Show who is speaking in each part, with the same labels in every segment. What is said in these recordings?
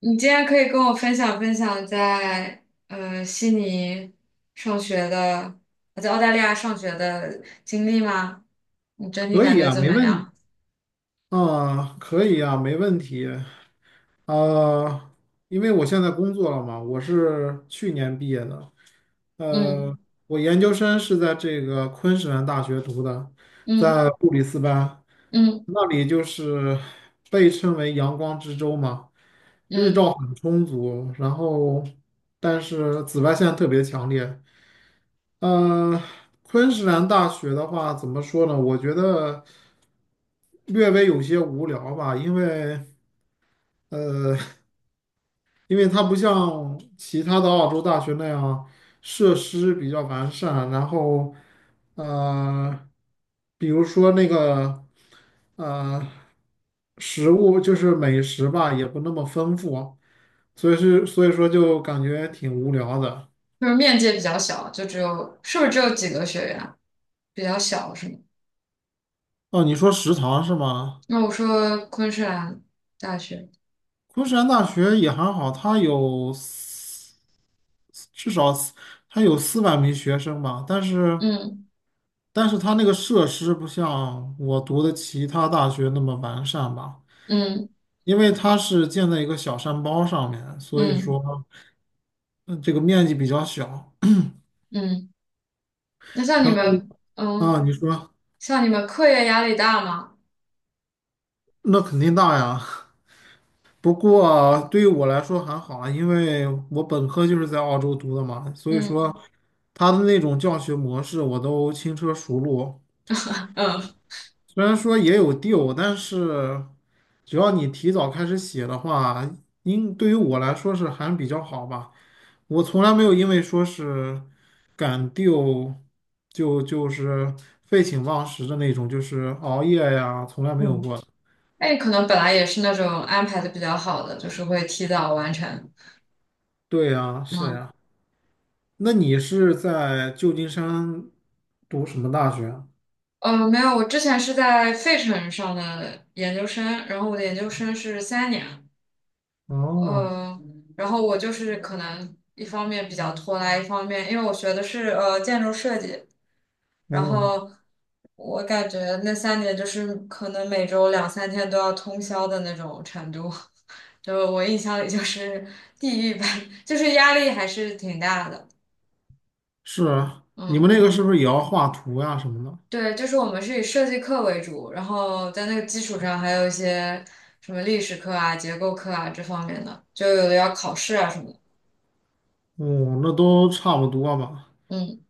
Speaker 1: 你今天可以跟我分享分享在悉尼上学的，在澳大利亚上学的经历吗？你整体
Speaker 2: 可
Speaker 1: 感
Speaker 2: 以
Speaker 1: 觉
Speaker 2: 啊，
Speaker 1: 怎
Speaker 2: 没
Speaker 1: 么
Speaker 2: 问题
Speaker 1: 样？
Speaker 2: 啊，可以啊，没问题啊，因为我现在工作了嘛，我是去年毕业的。呃，
Speaker 1: 嗯
Speaker 2: 我研究生是在这个昆士兰大学读的，
Speaker 1: 嗯
Speaker 2: 在布里斯班。
Speaker 1: 嗯
Speaker 2: 那里就是被称为阳光之州嘛，日
Speaker 1: 嗯，
Speaker 2: 照很充足，然后但是紫外线特别强烈。呃，昆士兰大学的话，怎么说呢？我觉得略微有些无聊吧。因为呃，因为它不像其他的澳洲大学那样设施比较完善，然后呃，比如说那个呃，食物就是美食吧，也不那么丰富，所以说就感觉挺无聊的。
Speaker 1: 就是面积也比较小，就只有是不是只有几个学院？比较小是吗？
Speaker 2: 哦，你说食堂是吗？
Speaker 1: 那我说昆士兰大学，
Speaker 2: 昆山大学也还好，至少四它有400名学生吧。但是
Speaker 1: 嗯
Speaker 2: 它那个设施不像我读的其他大学那么完善吧，
Speaker 1: 嗯
Speaker 2: 因为它是建在一个小山包上面，所以
Speaker 1: 嗯
Speaker 2: 说嗯这个面积比较小。
Speaker 1: 嗯，那像你
Speaker 2: 然后
Speaker 1: 们，嗯，
Speaker 2: 啊，你说，
Speaker 1: 像你们课业压力大吗？
Speaker 2: 那肯定大呀。不过对于我来说还好啊，因为我本科就是在澳洲读的嘛，所以说。
Speaker 1: 嗯
Speaker 2: 他的那种教学模式我都轻车熟路。
Speaker 1: 嗯
Speaker 2: 虽然说也有 deal，但是只要你提早开始写的话，应对于我来说是还比较好吧。我从来没有因为说是赶 d e 就就是废寝忘食的那种，就是熬夜呀，从来没有
Speaker 1: 嗯。
Speaker 2: 过。
Speaker 1: 那你可能本来也是那种安排的比较好的，就是会提早完成。
Speaker 2: 对呀，是
Speaker 1: 嗯，
Speaker 2: 呀。那你是在旧金山读什么大学啊？
Speaker 1: 没有，我之前是在费城上的研究生，然后我的研究生是三年，
Speaker 2: 哦，
Speaker 1: 呃，然后我就是可能一方面比较拖拉，一方面因为我学的是建筑设计，然
Speaker 2: 哦，
Speaker 1: 后我感觉那三年就是可能每周两三天都要通宵的那种程度，就我印象里就是地狱般，就是压力还是挺大的。
Speaker 2: 是啊，你们
Speaker 1: 嗯。
Speaker 2: 那个是不是也要画图呀什么的？
Speaker 1: 对，就是我们是以设计课为主，然后在那个基础上还有一些什么历史课啊、结构课啊这方面的，就有的要考试啊什么的。
Speaker 2: 哦，那都差不多吧。
Speaker 1: 嗯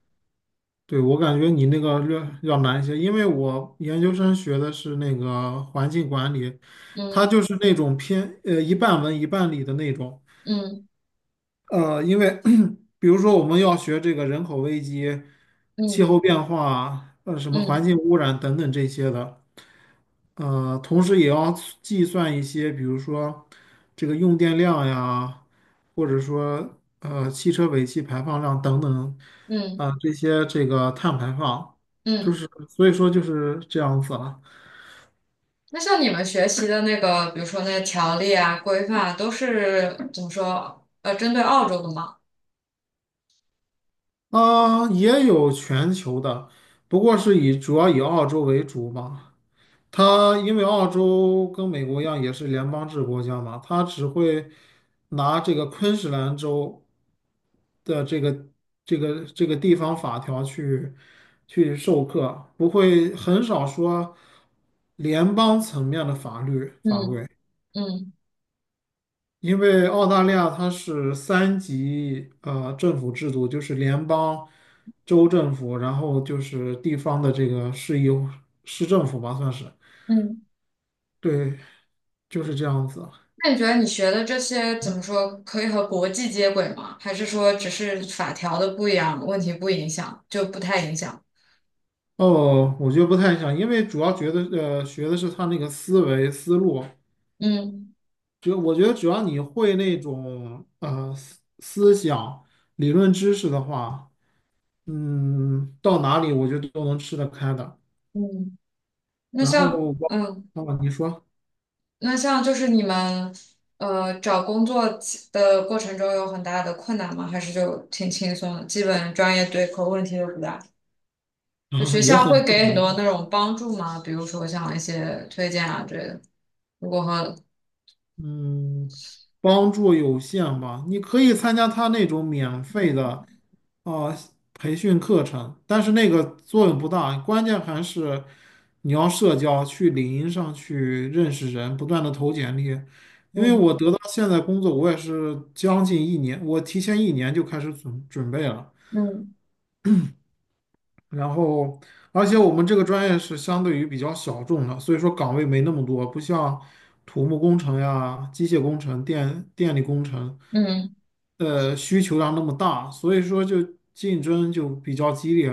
Speaker 2: 对，我感觉你那个略要难一些，因为我研究生学的是那个环境管理，它
Speaker 1: 嗯
Speaker 2: 就是那种偏一半文一半理的那种。
Speaker 1: 嗯
Speaker 2: 因为 比如说我们要学这个人口危机、气
Speaker 1: 嗯
Speaker 2: 候变化、什么环
Speaker 1: 嗯
Speaker 2: 境污染等等这些的。同时也要计算一些，比如说这个用电量呀，或者说汽车尾气排放量等等。
Speaker 1: 嗯嗯。
Speaker 2: 啊，这个碳排放，就
Speaker 1: 嗯
Speaker 2: 是所以说就是这样子了。
Speaker 1: 那像你们学习的那个，比如说那些条例啊、规范啊，都是怎么说？针对澳洲的吗？
Speaker 2: 啊，也有全球的，不过是以主要以澳洲为主嘛。他因为澳洲跟美国一样也是联邦制国家嘛，他只会拿这个昆士兰州的这个地方法条去授课，不会很少说联邦层面的法律法
Speaker 1: 嗯
Speaker 2: 规。
Speaker 1: 嗯
Speaker 2: 因为澳大利亚它是三级政府制度，就是联邦、州政府，然后就是地方的这个市政府吧，算是。
Speaker 1: 嗯。
Speaker 2: 对，就是这样子。
Speaker 1: 那你觉得你学的这些怎么说，可以和国际接轨吗？还是说只是法条的不一样，问题不影响，就不太影响？
Speaker 2: 哦，我觉得不太想，因为主要觉得学的是他那个思维思路。
Speaker 1: 嗯。
Speaker 2: 我觉得只要你会那种思想理论知识的话，嗯，到哪里我觉得都能吃得开的。
Speaker 1: 嗯，那
Speaker 2: 然后
Speaker 1: 像
Speaker 2: 我
Speaker 1: 嗯，
Speaker 2: 啊，你说，
Speaker 1: 那像就是你们找工作起的过程中有很大的困难吗？还是就挺轻松的，基本专业对口问题都不大。就
Speaker 2: 啊，
Speaker 1: 学校会给很多那种帮助吗？比如说像一些推荐啊之类的。如果和
Speaker 2: 嗯，帮助有限吧。你可以参加他那种免费的啊培训课程，但是那个作用不大，关键还是你要社交，去领英上去认识人，不断的投简历。因为我得到现在工作，我也是将近一年，我提前一年就开始准备了。
Speaker 1: 嗯
Speaker 2: 然后，而且我们这个专业是相对于比较小众的，所以说岗位没那么多，不像土木工程呀、机械工程、电力工程，
Speaker 1: 嗯
Speaker 2: 需求量那么大，所以说就竞争就比较激烈。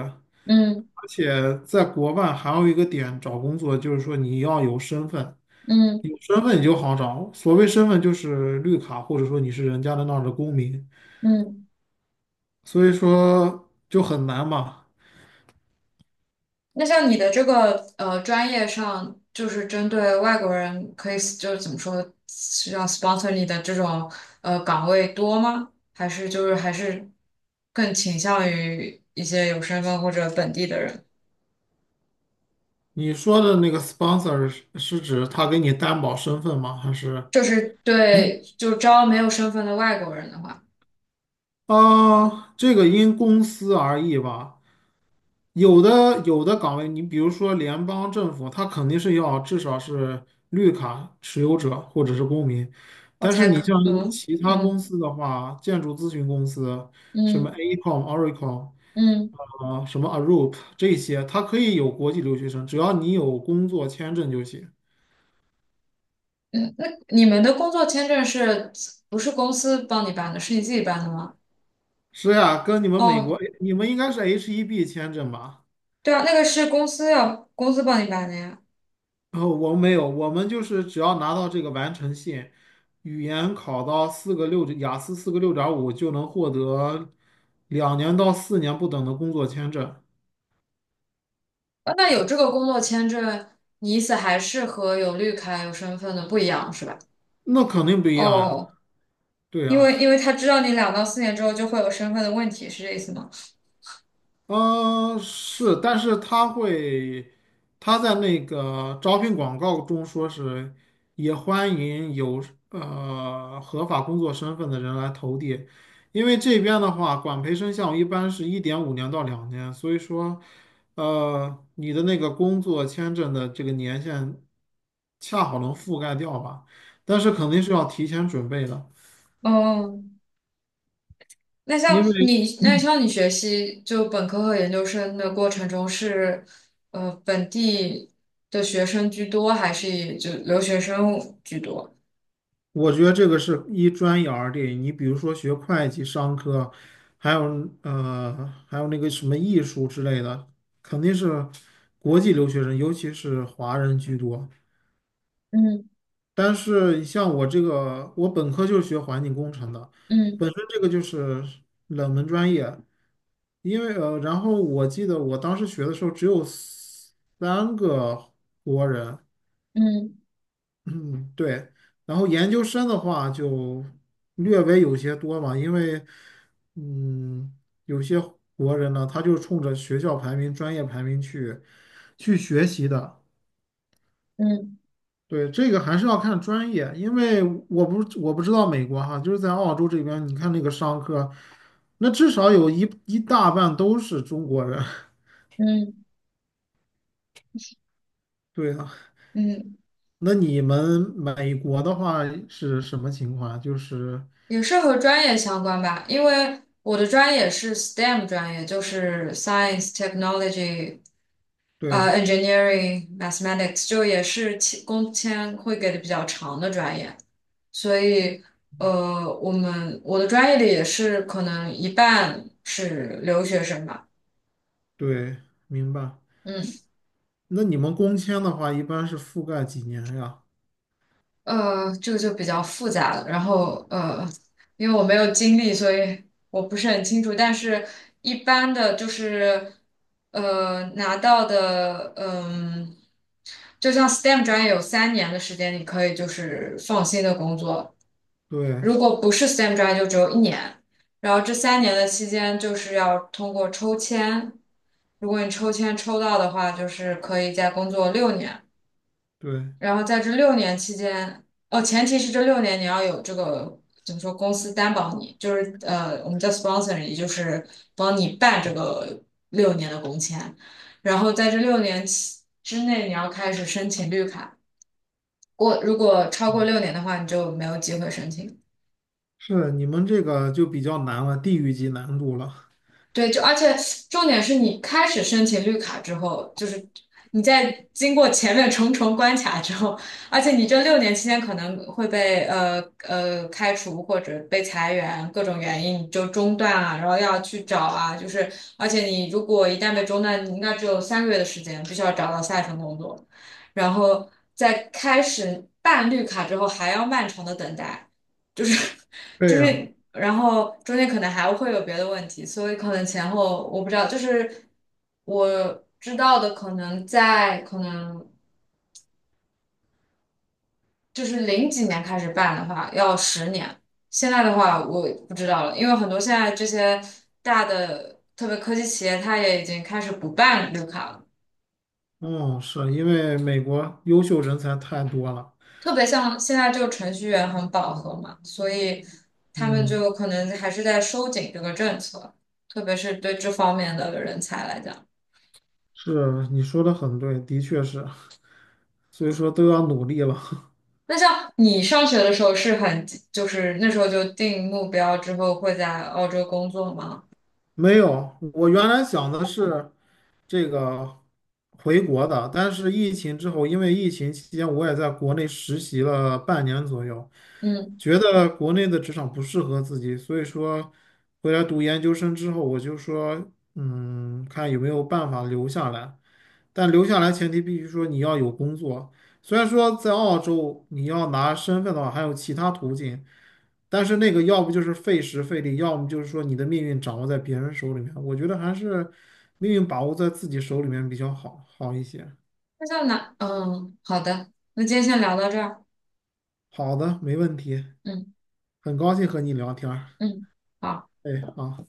Speaker 1: 嗯
Speaker 2: 而且在国外还有一个点找工作，就是说你要有身份。
Speaker 1: 嗯嗯
Speaker 2: 有身份你就好找。所谓身份就是绿卡，或者说你是人家的那儿的公民，
Speaker 1: 嗯嗯
Speaker 2: 所以说就很难嘛。
Speaker 1: 那像你的这个专业上，就是针对外国人，可以就是怎么说，是要 sponsor 你的这种岗位多吗？还是就是还是更倾向于一些有身份或者本地的人？
Speaker 2: 你说的那个 sponsor 是指他给你担保身份吗？
Speaker 1: 就是对，就招没有身份的外国人的话，
Speaker 2: 啊，这个因公司而异吧。有的岗位，你比如说联邦政府，他肯定是要至少是绿卡持有者或者是公民。
Speaker 1: 我
Speaker 2: 但是
Speaker 1: 才
Speaker 2: 你
Speaker 1: 可
Speaker 2: 像
Speaker 1: 嗯
Speaker 2: 其他公
Speaker 1: 嗯
Speaker 2: 司的话，建筑咨询公司，什么
Speaker 1: 嗯
Speaker 2: AECOM、Oracle
Speaker 1: 嗯
Speaker 2: 啊，什么 Arup 这些，它可以有国际留学生，只要你有工作签证就行。
Speaker 1: 嗯，那你们的工作签证是不是公司帮你办的？是你自己办的吗？
Speaker 2: 是呀。跟你们美国，
Speaker 1: 哦，
Speaker 2: 你们应该是 H1B 签证吧？
Speaker 1: 对啊，那个是公司要公司帮你办的呀。
Speaker 2: 哦，我们没有，我们就是只要拿到这个完成信，语言考到四个六，雅思四个六点五就能获得2年到4年不等的工作签证。
Speaker 1: 那有这个工作签证，你意思还是和有绿卡、有身份的不一样是吧？
Speaker 2: 那肯定不一样呀。
Speaker 1: 哦，
Speaker 2: 对
Speaker 1: 因
Speaker 2: 呀。
Speaker 1: 为因为他知道你两到四年之后就会有身份的问题，是这意思吗？
Speaker 2: 嗯，是，但是他会，他在那个招聘广告中说是也欢迎有合法工作身份的人来投递。因为这边的话，管培生项目一般是1.5年到2年，所以说，你的那个工作签证的这个年限恰好能覆盖掉吧，但是肯定是要提前准备的。
Speaker 1: 哦，那像
Speaker 2: 因为
Speaker 1: 你那像你学习就本科和研究生的过程中是，本地的学生居多，还是以就留学生居多？
Speaker 2: 我觉得这个是一专业而定。你比如说学会计、商科，还有还有那个什么艺术之类的，肯定是国际留学生，尤其是华人居多。
Speaker 1: 嗯
Speaker 2: 但是像我这个，我本科就是学环境工程的，
Speaker 1: 嗯
Speaker 2: 本身这个就是冷门专业。因为然后我记得我当时学的时候只有三个国人，
Speaker 1: 嗯
Speaker 2: 嗯，对。然后研究生的话就略微有些多嘛，因为嗯，有些国人呢，他就冲着学校排名、专业排名去学习的。
Speaker 1: 嗯
Speaker 2: 对，这个还是要看专业，因为我不知道美国哈，就是在澳洲这边，你看那个商科，那至少有一大半都是中国人。
Speaker 1: 嗯
Speaker 2: 对啊。
Speaker 1: 嗯。
Speaker 2: 那你们美国的话是什么情况啊？就是
Speaker 1: 也是和专业相关吧，因为我的专业是 STEM 专业，就是 Science、Technology、
Speaker 2: 对
Speaker 1: Engineering、Mathematics，就也是其工签会给的比较长的专业，所以我们我的专业里也是可能一半是留学生吧，
Speaker 2: 对，明白。
Speaker 1: 嗯。
Speaker 2: 那你们工签的话，一般是覆盖几年呀？
Speaker 1: 这个就比较复杂了。然后因为我没有经历，所以我不是很清楚。但是一般的就是拿到的，嗯、就像 STEM 专业有三年的时间，你可以就是放心的工作。
Speaker 2: 对
Speaker 1: 如果不是 STEM 专业，就只有一年。然后这三年的期间，就是要通过抽签。如果你抽签抽到的话，就是可以再工作六年。
Speaker 2: 对，
Speaker 1: 然后在这六年期间，哦，前提是这六年你要有这个怎么说，公司担保你，就是我们叫 sponsor，也就是帮你办这个六年的工签。然后在这六年期之内，你要开始申请绿卡。过如果超过六年的话，你就没有机会申请。
Speaker 2: 是你们这个就比较难了，地域级难度了。
Speaker 1: 对，就而且重点是你开始申请绿卡之后，就是你在经过前面重重关卡之后，而且你这六年期间可能会被开除或者被裁员，各种原因你就中断啊，然后要去找啊，就是而且你如果一旦被中断，你应该只有三个月的时间，必须要找到下一份工作，然后在开始办绿卡之后还要漫长的等待。就是就
Speaker 2: 对呀。
Speaker 1: 是然后中间可能还会有别的问题，所以可能前后我不知道，就是我知道的可能在可能就是零几年开始办的话要十年，现在的话我不知道了，因为很多现在这些大的特别科技企业，它也已经开始不办绿卡了，
Speaker 2: 嗯，是因为美国优秀人才太多了。
Speaker 1: 特别像现在就程序员很饱和嘛，所以他们
Speaker 2: 嗯，
Speaker 1: 就可能还是在收紧这个政策，特别是对这方面的人才来讲。
Speaker 2: 是你说的很对，的确是，所以说都要努力了。
Speaker 1: 那像你上学的时候是很，就是那时候就定目标之后会在澳洲工作吗？
Speaker 2: 没有，我原来想的是这个回国的，但是疫情之后，因为疫情期间我也在国内实习了半年左右。
Speaker 1: 嗯，
Speaker 2: 觉得国内的职场不适合自己，所以说回来读研究生之后，我就说，嗯，看有没有办法留下来。但留下来前提必须说你要有工作。虽然说在澳洲你要拿身份的话，还有其他途径，但是那个要不就是费时费力，要么就是说你的命运掌握在别人手里面。我觉得还是命运把握在自己手里面比较好一些。
Speaker 1: 那像哪？嗯，好的，那今天先聊到这儿。
Speaker 2: 好的，没问题，
Speaker 1: 嗯
Speaker 2: 很高兴和你聊天儿。
Speaker 1: 嗯。好。
Speaker 2: 哎，好。